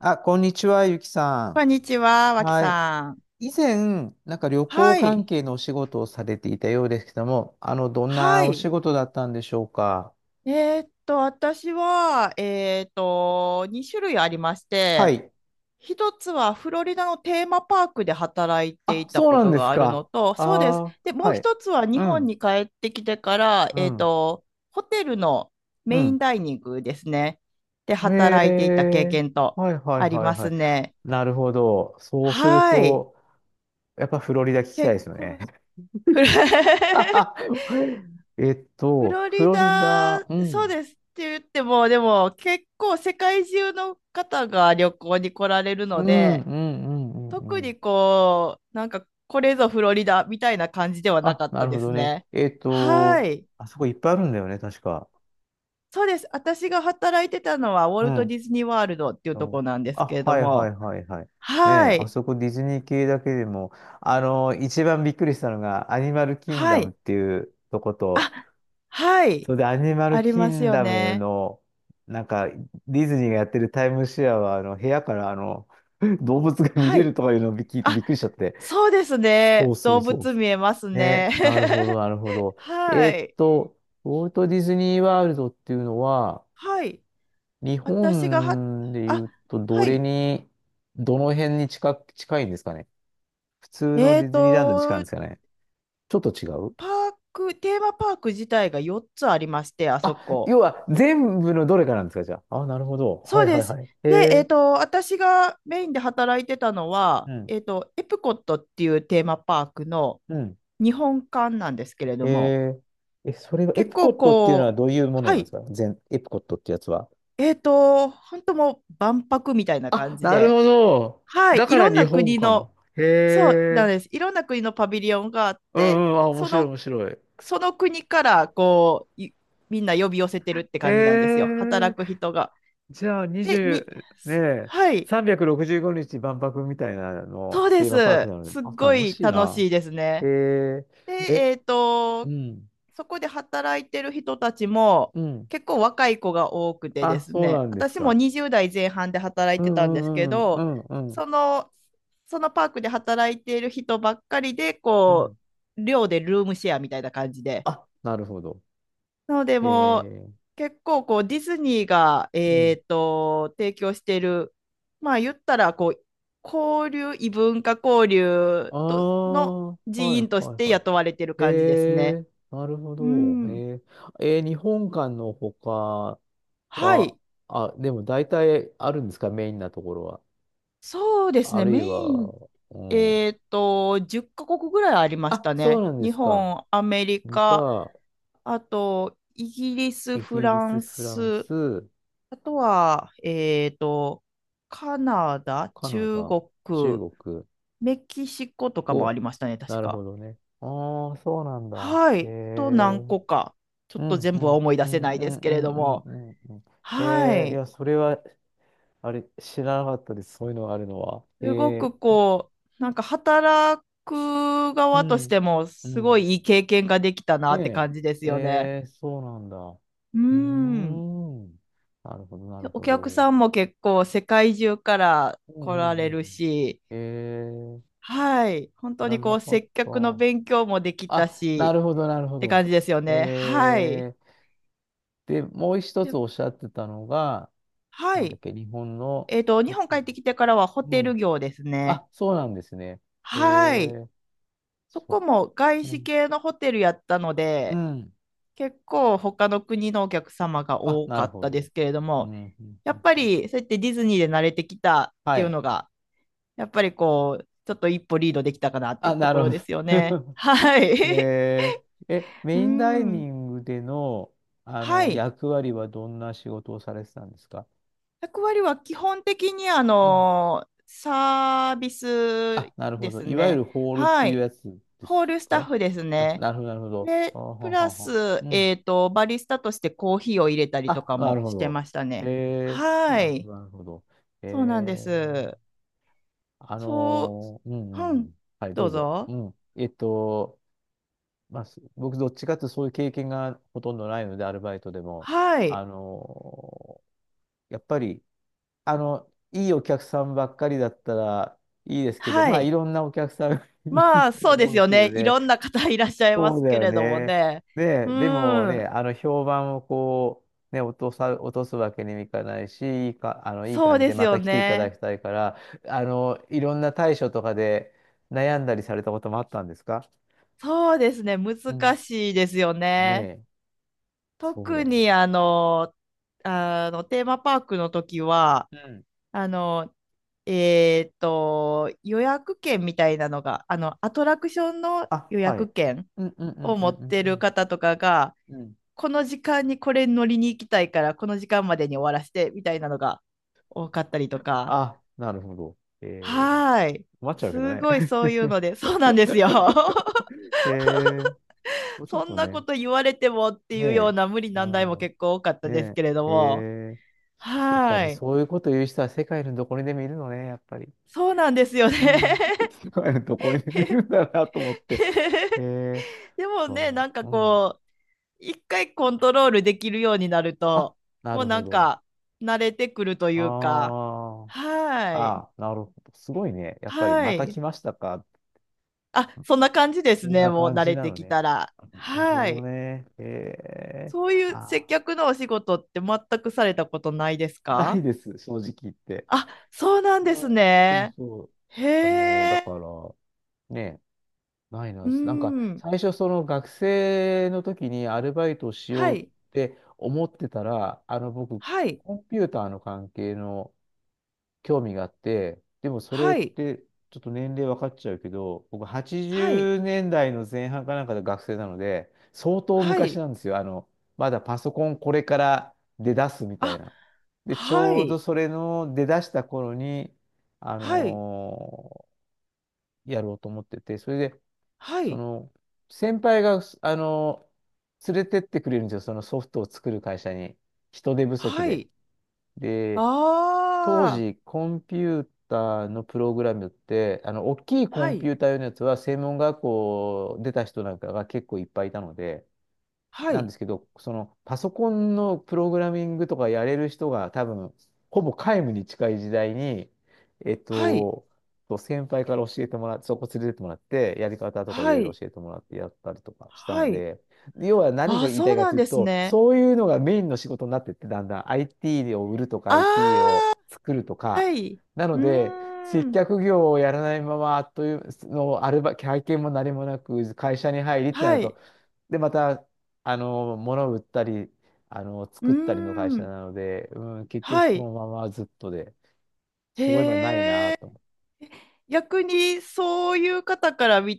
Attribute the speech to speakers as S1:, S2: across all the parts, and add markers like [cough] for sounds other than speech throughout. S1: あ、こんにちは、ゆきさ
S2: こんにちは、
S1: ん。
S2: わき
S1: はい。
S2: さん。
S1: 以前、なんか旅行
S2: は
S1: 関
S2: い。
S1: 係のお仕事をされていたようですけども、どん
S2: は
S1: なお仕
S2: い。
S1: 事だったんでしょうか。
S2: 私は、2種類ありまし
S1: は
S2: て、
S1: い。
S2: 一つはフロリダのテーマパークで働いて
S1: あ、
S2: いた
S1: そう
S2: こ
S1: なん
S2: と
S1: で
S2: が
S1: す
S2: あるの
S1: か。
S2: と、そうです。
S1: あ
S2: で、
S1: あ、
S2: もう
S1: はい。
S2: 一つは日
S1: う
S2: 本
S1: ん、
S2: に帰ってきてから、
S1: うん、
S2: ホテルの
S1: う
S2: メイン
S1: ん。
S2: ダイニングですね。で、
S1: へ
S2: 働いていた経
S1: え。
S2: 験と
S1: はいはい
S2: あり
S1: は
S2: ま
S1: いは
S2: す
S1: い。
S2: ね。
S1: なるほど。そうする
S2: はい。
S1: と、やっぱフロリダ聞きたい
S2: 結
S1: ですよ
S2: 構、
S1: ね。
S2: フル [laughs]
S1: [laughs]
S2: フロ
S1: フ
S2: リ
S1: ロリダ、
S2: ダ、
S1: う
S2: そう
S1: ん、
S2: ですって言っても、でも結構世界中の方が旅行に来られる
S1: う
S2: の
S1: ん、
S2: で、
S1: うん、うん、
S2: 特
S1: うん。
S2: にこう、なんかこれぞフロリダみたいな感じではな
S1: あ、
S2: かっ
S1: な
S2: た
S1: る
S2: で
S1: ほ
S2: す
S1: どね。
S2: ね。はい。
S1: あそこいっぱいあるんだよね、確か。
S2: そうです。私が働いてたのはウォ
S1: う
S2: ルト・デ
S1: ん。
S2: ィズニー・ワールドっていうと
S1: そ
S2: こ
S1: う、
S2: なんですけ
S1: あ、
S2: れど
S1: はいはい
S2: も。
S1: はいはい。ね
S2: は
S1: え、あ
S2: い。
S1: そこディズニー系だけでも、一番びっくりしたのが、アニマルキン
S2: は
S1: ダムっ
S2: い。
S1: ていうとこと、
S2: あ、はい。
S1: それでアニマ
S2: あ
S1: ル
S2: り
S1: キ
S2: ます
S1: ン
S2: よ
S1: ダム
S2: ね。
S1: の、なんか、ディズニーがやってるタイムシェアは、部屋から、[laughs] 動物が見
S2: は
S1: れる
S2: い。
S1: とかいうのを聞いてび
S2: あ、
S1: っくりしちゃって。
S2: そうです
S1: そ
S2: ね。
S1: うそ
S2: 動
S1: うそう
S2: 物
S1: そ
S2: 見
S1: う。
S2: えますね。
S1: ね、なるほど、
S2: [laughs]
S1: なるほど。え
S2: は
S1: ーっ
S2: い。
S1: と、ウォルト・ディズニー・ワールドっていうのは、
S2: はい。
S1: 日
S2: 私がは、
S1: 本で
S2: あ、
S1: 言うと、ど
S2: は
S1: れ
S2: い。
S1: に、どの辺に近く、近いんですかね。普通の
S2: え
S1: デ
S2: っ
S1: ィズニーランドに近いん
S2: と、
S1: ですかね。ちょっと違う、
S2: パーク、テーマパーク自体が4つありまして、あ
S1: あ、
S2: そこ。
S1: 要は全部のどれかなんですか、じゃあ。あ、なるほど。
S2: そ
S1: は
S2: う
S1: いは
S2: で
S1: い
S2: す。
S1: はい。え
S2: で、えっ
S1: ー、
S2: と、私がメインで働いてたの
S1: う
S2: は、
S1: ん、
S2: えっと、エプコットっていうテーマパークの
S1: うん。
S2: 日本館なんですけれども、
S1: えー、え、それは、エ
S2: 結
S1: プコ
S2: 構
S1: ットっていうのは
S2: こ
S1: ど
S2: う、
S1: ういうもの
S2: は
S1: なんです
S2: い。
S1: か、全、エプコットってやつは。
S2: えっと、本当もう万博みたいな感
S1: あ、
S2: じ
S1: なる
S2: で、
S1: ほど。
S2: はい。
S1: だ
S2: い
S1: から
S2: ろん
S1: 日
S2: な
S1: 本
S2: 国
S1: か。
S2: の
S1: へ
S2: そうなん
S1: え。
S2: です。いろんな国のパビリオンがあっ
S1: う
S2: て、
S1: んうん。あ、面
S2: そ
S1: 白い
S2: の、
S1: 面白い。
S2: その国からこういみんな呼び寄せてるって
S1: え
S2: 感じなんですよ。
S1: え。
S2: 働く人が。
S1: じゃあ
S2: で、に、
S1: 20、ねえ、
S2: はい、
S1: 365日万博みたいなの、
S2: そうで
S1: テーマパーク
S2: す。
S1: なので。
S2: すっ
S1: あ、
S2: ご
S1: 楽
S2: い
S1: しい
S2: 楽
S1: な。
S2: しいです
S1: へ
S2: ね。
S1: え。
S2: で、
S1: え、
S2: えっと、
S1: うん。
S2: そこで働いてる人たちも
S1: うん。
S2: 結構若い子が多くてで
S1: あ、
S2: す
S1: そう
S2: ね、
S1: なんです
S2: 私も
S1: か。
S2: 20代前半で働
S1: う
S2: いてたんですけ
S1: んうんう
S2: ど、
S1: んうんうん
S2: その、そのパークで働いている人ばっかりで、
S1: う
S2: こ
S1: ん。
S2: う、寮でルームシェアみたいな感じで。
S1: あ、なるほど。
S2: なので、
S1: へ
S2: もう
S1: え。
S2: 結構こうディズニーが、
S1: うん。
S2: えっと、提供している、まあ言ったらこう、交流、異文化交流
S1: あ
S2: との
S1: あ、はい
S2: 人
S1: はい
S2: 員として
S1: は
S2: 雇われている
S1: い、へ
S2: 感じですね。
S1: え、なるほ
S2: う
S1: ど。
S2: ん。
S1: へえ、えー日本館の他
S2: は
S1: は、
S2: い。
S1: あ、でも大体あるんですか、メインなところは。
S2: そうです
S1: あ
S2: ね。
S1: る
S2: メ
S1: い
S2: イ
S1: は、
S2: ン、
S1: うん。
S2: えっと、10カ国ぐらいありまし
S1: あ、
S2: た
S1: そう
S2: ね。
S1: なんで
S2: 日
S1: すか。
S2: 本、アメリ
S1: 理
S2: カ、
S1: 科、
S2: あと、イギリス、
S1: イ
S2: フ
S1: ギリ
S2: ラ
S1: ス、
S2: ン
S1: フラン
S2: ス、
S1: ス、
S2: あとは、えっと、カナダ、
S1: カナ
S2: 中
S1: ダ、
S2: 国、
S1: 中国、
S2: メキシコとかもあ
S1: お、
S2: りましたね、
S1: な
S2: 確
S1: るほ
S2: か。
S1: どね。ああ、そうなんだ。
S2: は
S1: へ
S2: い。あと
S1: え、
S2: 何個か。ちょ
S1: う
S2: っと
S1: ん、う
S2: 全部は
S1: ん、
S2: 思い出
S1: う
S2: せ
S1: ん、
S2: ない
S1: う
S2: で
S1: ん、
S2: すけ
S1: う
S2: れ
S1: ん、
S2: ど
S1: うん、
S2: も。
S1: うんうん。へ
S2: は
S1: え、い
S2: い。
S1: や、それは、あれ、知らなかったです。そういうのがあるのは。へ
S2: すご
S1: え、
S2: くこう、なんか働く
S1: う
S2: 側とし
S1: ん。
S2: ても、
S1: う
S2: すご
S1: ん。
S2: いいい経験ができたなって
S1: で、
S2: 感じですよね。
S1: えー、そうなんだ。う
S2: う
S1: ー
S2: ん。
S1: ん。なるほど、な
S2: で、
S1: る
S2: お
S1: ほ
S2: 客
S1: ど。
S2: さんも結構世界中から
S1: うん
S2: 来
S1: う
S2: ら
S1: んうん
S2: れ
S1: うん。
S2: るし、
S1: えー、
S2: はい。本
S1: 知
S2: 当
S1: ら
S2: に
S1: な
S2: こう、
S1: かっ
S2: 接客の
S1: た。
S2: 勉強もできた
S1: あ、な
S2: し、
S1: るほど、なる
S2: っ
S1: ほ
S2: て
S1: ど。
S2: 感じですよね。はい。
S1: えー、で、もう一つ
S2: で
S1: おっしゃってたのが、
S2: は
S1: なんだっ
S2: い。
S1: け、日本の
S2: えっと、日
S1: ホ
S2: 本
S1: テ
S2: 帰
S1: ル。
S2: ってきてからはホ
S1: う
S2: テル
S1: ん。
S2: 業ですね。
S1: あ、そうなんですね。え
S2: はい。
S1: ー、
S2: そ
S1: そっか、
S2: こも外
S1: う
S2: 資
S1: ん。
S2: 系のホテルやったの
S1: う
S2: で、
S1: ん。
S2: 結構他の国のお客様が
S1: あ、
S2: 多
S1: な
S2: か
S1: る
S2: っ
S1: ほ
S2: たで
S1: ど。
S2: すけれど
S1: うん。う
S2: も、
S1: ん
S2: や
S1: う
S2: っ
S1: ん
S2: ぱ
S1: うん、
S2: りそうやってディズニーで慣れてきたっ
S1: は
S2: ていう
S1: い。
S2: のが、やっぱりこう、ちょっと一歩リードできたかなってい
S1: あ、
S2: うと
S1: な
S2: こ
S1: る
S2: ろ
S1: ほど。
S2: ですよね。
S1: [laughs]
S2: はい。
S1: えー、え、
S2: [laughs] う
S1: メインダイ
S2: ん。
S1: ニングでの、あ
S2: は
S1: の
S2: い。
S1: 役割はどんな仕事をされてたんですか。
S2: 役割は基本的にあ
S1: うん、
S2: の、サービ
S1: あ、
S2: ス
S1: なるほ
S2: で
S1: ど。
S2: す
S1: いわゆ
S2: ね。
S1: るホールって
S2: は
S1: いう
S2: い。
S1: やつで
S2: ホー
S1: す
S2: ルスタッ
S1: か。
S2: フです
S1: あ、
S2: ね。
S1: なるほど、なるほど。あ
S2: で、
S1: は
S2: プラ
S1: はは。
S2: ス、
S1: うん。
S2: えっと、バリスタとしてコーヒーを入れたりと
S1: あ、
S2: か
S1: な
S2: も
S1: るほ
S2: して
S1: ど。
S2: ましたね。
S1: えー、
S2: は
S1: なるほ
S2: い。
S1: ど、なるほど。え
S2: そうなんです。
S1: ー、
S2: そう、
S1: う
S2: う
S1: ん、うん、う
S2: ん、
S1: ん。はい、ど
S2: ど
S1: う
S2: う
S1: ぞ。う
S2: ぞ。
S1: ん。まあ、す、僕、どっちかっていうとそういう経験がほとんどないので、アルバイトでも。
S2: は
S1: あ
S2: い、
S1: のやっぱり、いいお客さんばっかりだったらいいですけど、
S2: は
S1: まあ、い
S2: い。
S1: ろんなお客さんが [laughs] いる
S2: まあ、
S1: と
S2: そうで
S1: 思
S2: す
S1: うんで
S2: よ
S1: すけ
S2: ね。
S1: ど
S2: い
S1: ね。
S2: ろんな方いらっしゃいま
S1: そう
S2: す
S1: だ
S2: け
S1: よ
S2: れども
S1: ね。
S2: ね。
S1: で、
S2: う
S1: でもね、
S2: ん、
S1: 評判をこう、ね、落とすわけにもいかないし、いいか、いい
S2: そ
S1: 感
S2: う
S1: じ
S2: で
S1: で
S2: す
S1: ま
S2: よ
S1: た来ていただ
S2: ね。
S1: きたいから、いろんな対処とかで悩んだりされたこともあったんですか。
S2: そうですね。
S1: う
S2: 難
S1: ん。
S2: しいですよ
S1: ね
S2: ね。
S1: え、そうだ
S2: 特
S1: よ
S2: に
S1: ね。
S2: あの、あの、テーマパークの時は、
S1: うん。
S2: あの、予約券みたいなのが、あの、アトラクションの
S1: あ、
S2: 予
S1: はい。
S2: 約券
S1: うんうんうん
S2: を
S1: うん
S2: 持っ
S1: うん
S2: てる方とかが、
S1: うん。うん、
S2: この時間にこれ乗りに行きたいから、この時間までに終わらせてみたいなのが多かったりとか。
S1: あ、なるほど。えー、
S2: はーい。
S1: 困っちゃうけど
S2: す
S1: ね。
S2: ごいそういうので、そうなんですよ。[laughs]
S1: [laughs] ええ、もうちょっ
S2: そん
S1: と
S2: なこ
S1: ね、
S2: と言われてもって
S1: ね
S2: いうような無理
S1: え、う
S2: 難題も
S1: ん、
S2: 結構多かったです
S1: ね
S2: けれど
S1: え、え
S2: も。
S1: え、やっぱ
S2: は
S1: り
S2: ーい。
S1: そういうこと言う人は世界のどこにでもいるのね、やっぱり。
S2: そうなんですよね。
S1: うん、[laughs] 世界のどこにでもいるんだなと思って。え
S2: [laughs]
S1: え、
S2: でもね、
S1: そ
S2: なんか
S1: う、うん。
S2: こう、一回コントロールできるようになる
S1: あ、
S2: と、
S1: な
S2: もう
S1: る
S2: な
S1: ほ
S2: ん
S1: ど。
S2: か慣れてくるというか。
S1: あ
S2: は
S1: あ、
S2: ーい。
S1: ああ、なるほど。すごいね。やっぱり
S2: はー
S1: また
S2: い。
S1: 来ましたか。
S2: あ、そんな感じで
S1: こ
S2: す
S1: ん
S2: ね。
S1: な
S2: もう
S1: 感
S2: 慣
S1: じ
S2: れ
S1: な
S2: て
S1: の
S2: き
S1: ね。
S2: たら。
S1: なるほ
S2: は
S1: ど
S2: い。
S1: ね。ええ、
S2: そういう
S1: あ
S2: 接
S1: あ。
S2: 客のお仕事って全くされたことないです
S1: ない
S2: か？
S1: です、正直言って。
S2: あ、そうなん
S1: う
S2: です
S1: ん、そう
S2: ね。
S1: そう。
S2: へ
S1: だ
S2: え。
S1: から、ね、ないなん
S2: う
S1: です。なんか、
S2: ん。
S1: 最初、その学生の時にアルバイトをし
S2: は
S1: ようっ
S2: い。
S1: て思ってたら、僕、
S2: はい。
S1: コンピューターの関係の、興味があって、でもそれっ
S2: はい。
S1: てちょっと年齢分かっちゃうけど、僕80
S2: はい。
S1: 年代の前半かなんかで学生なので、相当
S2: は
S1: 昔
S2: い。
S1: なんですよ。まだパソコンこれから出だすみたい
S2: あ、
S1: な。で、ち
S2: は
S1: ょうど
S2: い。
S1: それの出だした頃に、あ
S2: はい。
S1: のやろうと思ってて、それで、
S2: は
S1: そ
S2: い。
S1: の、先輩が、連れてってくれるんですよ。そのソフトを作る会社に。人手不足
S2: は
S1: で。
S2: い。
S1: で、当
S2: ああ。
S1: 時、コンピューターのプログラムって、大きいコ
S2: は
S1: ンピ
S2: い。
S1: ューター用のやつは、専門学校出た人なんかが結構いっぱいいたので、
S2: は
S1: なんで
S2: い。
S1: すけど、そのパソコンのプログラミングとかやれる人が多分、ほぼ皆無に近い時代に、えっ
S2: はい。
S1: と、先輩から教えてもらって、そこ連れてってもらって、やり方とかい
S2: は
S1: ろいろ
S2: い。
S1: 教えてもらってやったりとかした
S2: は
S1: の
S2: い。
S1: で、要は何
S2: あ
S1: が
S2: あ、
S1: 言いた
S2: そ
S1: い
S2: う
S1: か
S2: な
S1: と
S2: ん
S1: いう
S2: です
S1: と、
S2: ね。
S1: そういうのがメインの仕事になってって、だんだん IT を売るとか IT
S2: あ
S1: を作ると
S2: あ。
S1: か、
S2: はい。う
S1: なので、
S2: ー
S1: 接
S2: ん。
S1: 客業をやらないままというのアルバ、経験も何もなく、会社に入りってな
S2: は
S1: ると、
S2: い。
S1: で、また、物を売ったり、
S2: うー
S1: 作ったりの会社
S2: ん。
S1: なので、うん、結局
S2: は
S1: そ
S2: い。
S1: のままずっとで、そういえばないな
S2: へえ。
S1: と思
S2: 逆にそういう方から見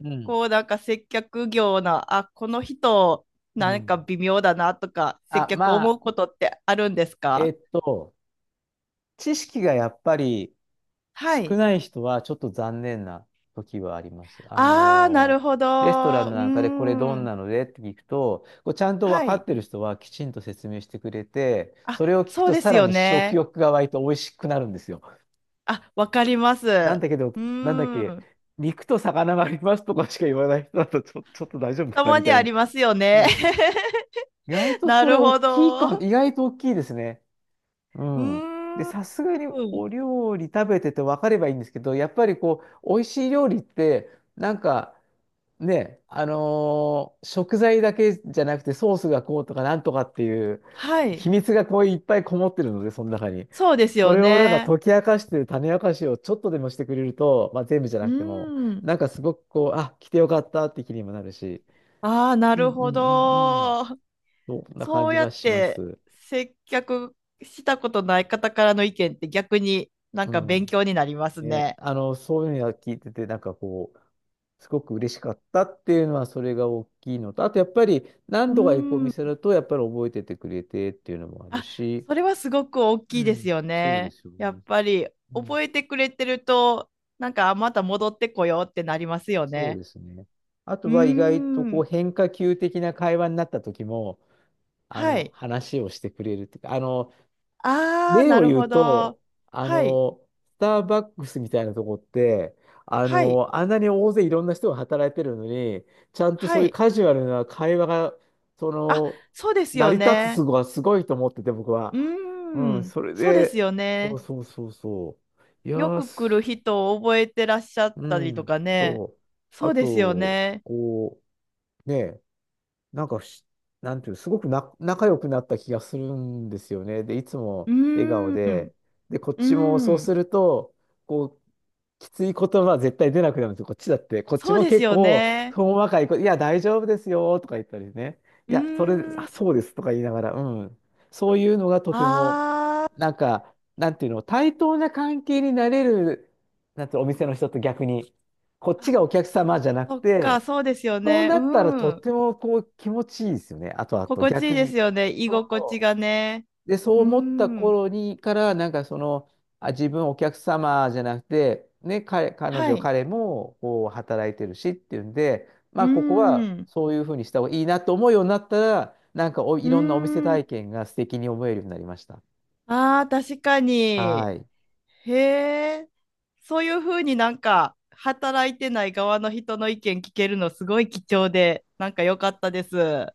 S1: う。うん。
S2: こうなんか接客業な、あ、この人
S1: う
S2: なんか
S1: ん。
S2: 微妙だなとか、接
S1: あ、
S2: 客思
S1: ま
S2: う
S1: あ、
S2: ことってあるんです
S1: え
S2: か？
S1: っと、知識がやっぱり
S2: は
S1: 少
S2: い。
S1: ない人はちょっと残念な時はあります。
S2: ああ、なるほど。
S1: レストラン
S2: うー
S1: なんかでこれどん
S2: ん。
S1: なのでって聞くと、こうちゃんと
S2: は
S1: 分かっ
S2: い。
S1: てる人はきちんと説明してくれて、
S2: あ、
S1: それを聞く
S2: そう
S1: と
S2: で
S1: さ
S2: す
S1: ら
S2: よ
S1: に食
S2: ね。
S1: 欲が湧いて美味しくなるんですよ。
S2: あ、わかります。
S1: なん
S2: う
S1: だけど、
S2: ー
S1: なんだっけ、
S2: ん。
S1: 肉と魚がありますとかしか言わない人だと、ちょ、[laughs] ちょっと大丈夫
S2: た
S1: かな
S2: ま
S1: み
S2: に
S1: たい
S2: あ
S1: な。
S2: りますよね。
S1: そうそう、意外
S2: [laughs]
S1: と
S2: な
S1: それ
S2: る
S1: 大
S2: ほ
S1: きいか、
S2: ど。
S1: 意外と大きいですね。う
S2: う
S1: ん。で、
S2: ー
S1: さすがに
S2: ん。
S1: お料理食べてて分かればいいんですけど、やっぱりこう、美味しい料理って、なんか、ね、食材だけじゃなくてソースがこうとかなんとかっていう
S2: はい。
S1: 秘密がこういっぱいこもってるので、その中に。
S2: そうです
S1: そ
S2: よ
S1: れをなんか
S2: ね。
S1: 解き明かしてる種明かしをちょっとでもしてくれると、まあ、全部じゃな
S2: う
S1: くても、
S2: ん。
S1: なんかすごくこう、あ、来てよかったって気にもなるし、
S2: ああ、な
S1: う
S2: る
S1: んう
S2: ほ
S1: んうんうん。
S2: ど。
S1: そんな感
S2: そう
S1: じ
S2: や
S1: は
S2: っ
S1: しま
S2: て
S1: す。
S2: 接客したことない方からの意見って逆になん
S1: う
S2: か勉
S1: ん。
S2: 強になります
S1: ね、
S2: ね。
S1: そういうのは聞いてて、なんかこう、すごく嬉しかったっていうのは、それが大きいのと、あとやっぱり
S2: う
S1: 何度か行くお
S2: ん。
S1: 店だと、やっぱり覚えててくれてっていうのもある
S2: あ、
S1: し、
S2: それはすごく大
S1: う
S2: きいです
S1: ん、
S2: よ
S1: そうで
S2: ね。
S1: すよ
S2: や
S1: ね。
S2: っぱり
S1: うん、
S2: 覚えてくれてると、なんかあまた戻ってこようってなりますよ
S1: そう
S2: ね。
S1: ですね。あ
S2: う
S1: と
S2: ー
S1: は意外とこう
S2: ん。
S1: 変化球的な会話になった時も、
S2: はい。
S1: 話をしてくれるっていうか、
S2: ああ、
S1: 例
S2: な
S1: を
S2: る
S1: 言う
S2: ほど。
S1: と、あ
S2: はい。
S1: の、スターバックスみたいなとこって、
S2: はい。
S1: あんなに大勢いろんな人が働いてるのに、ちゃんと
S2: は
S1: そういう
S2: い。
S1: カジュアルな会話が、そ
S2: あ、
S1: の、
S2: そうです
S1: 成
S2: よ
S1: り立つす
S2: ね。
S1: ごはすごいと思ってて、僕は。
S2: う
S1: う
S2: ー
S1: ん、
S2: ん、
S1: それ
S2: そうです
S1: で、
S2: よ
S1: そう
S2: ね。
S1: そうそうそう。いや
S2: よ
S1: ー、
S2: く来る
S1: す、
S2: 人を覚えてらっしゃっ
S1: う
S2: たりと
S1: ん、
S2: かね。
S1: そう。あ
S2: そうですよ
S1: と、
S2: ね。
S1: こう、ね、なんかふし、なんていう、すごくな、仲良くなった気がするんですよね。で、いつ
S2: う
S1: も笑顔
S2: ーん、
S1: で、で、こっ
S2: うー
S1: ちもそう
S2: ん、
S1: すると、こう、きつい言葉絶対出なくなるんですよ。こっちだって。こっち
S2: そう
S1: も
S2: です
S1: 結
S2: よ
S1: 構、
S2: ね。
S1: ほんわかいいや、大丈夫ですよ、とか言ったりね。
S2: う
S1: いや、それ、
S2: ーん、
S1: あ、そうです、とか言いながら、うん。そういうのがとても、
S2: あ
S1: な
S2: ー、
S1: んか、なんていうの、対等な関係になれる、なんていうの、お店の人と逆に、こっち
S2: あ、
S1: がお客様じゃなく
S2: そっか、
S1: て、
S2: そうですよ
S1: そう
S2: ね。
S1: な
S2: う
S1: ったらとっ
S2: ん、
S1: てもこう気持ちいいですよね。あとあと
S2: 心地いい
S1: 逆
S2: で
S1: に。
S2: すよね。居
S1: そう
S2: 心地
S1: そ
S2: がね。
S1: う。で、そ
S2: う
S1: う
S2: ー
S1: 思った
S2: ん、
S1: 頃にから、なんかその、あ、自分お客様じゃなくて、ね、彼、彼
S2: は
S1: 女、
S2: い。
S1: 彼もこう働いてるしっていうんで、ま
S2: うー
S1: あここは
S2: ん、
S1: そういうふうにした方がいいなと思うようになったら、なんかお、
S2: う
S1: いろんなお店
S2: ーん、
S1: 体験が素敵に思えるようになりました。
S2: あー、確かに。へ
S1: はい。
S2: え、そういうふうになんか働いてない側の人の意見聞けるのすごい貴重で、なんか良かったです。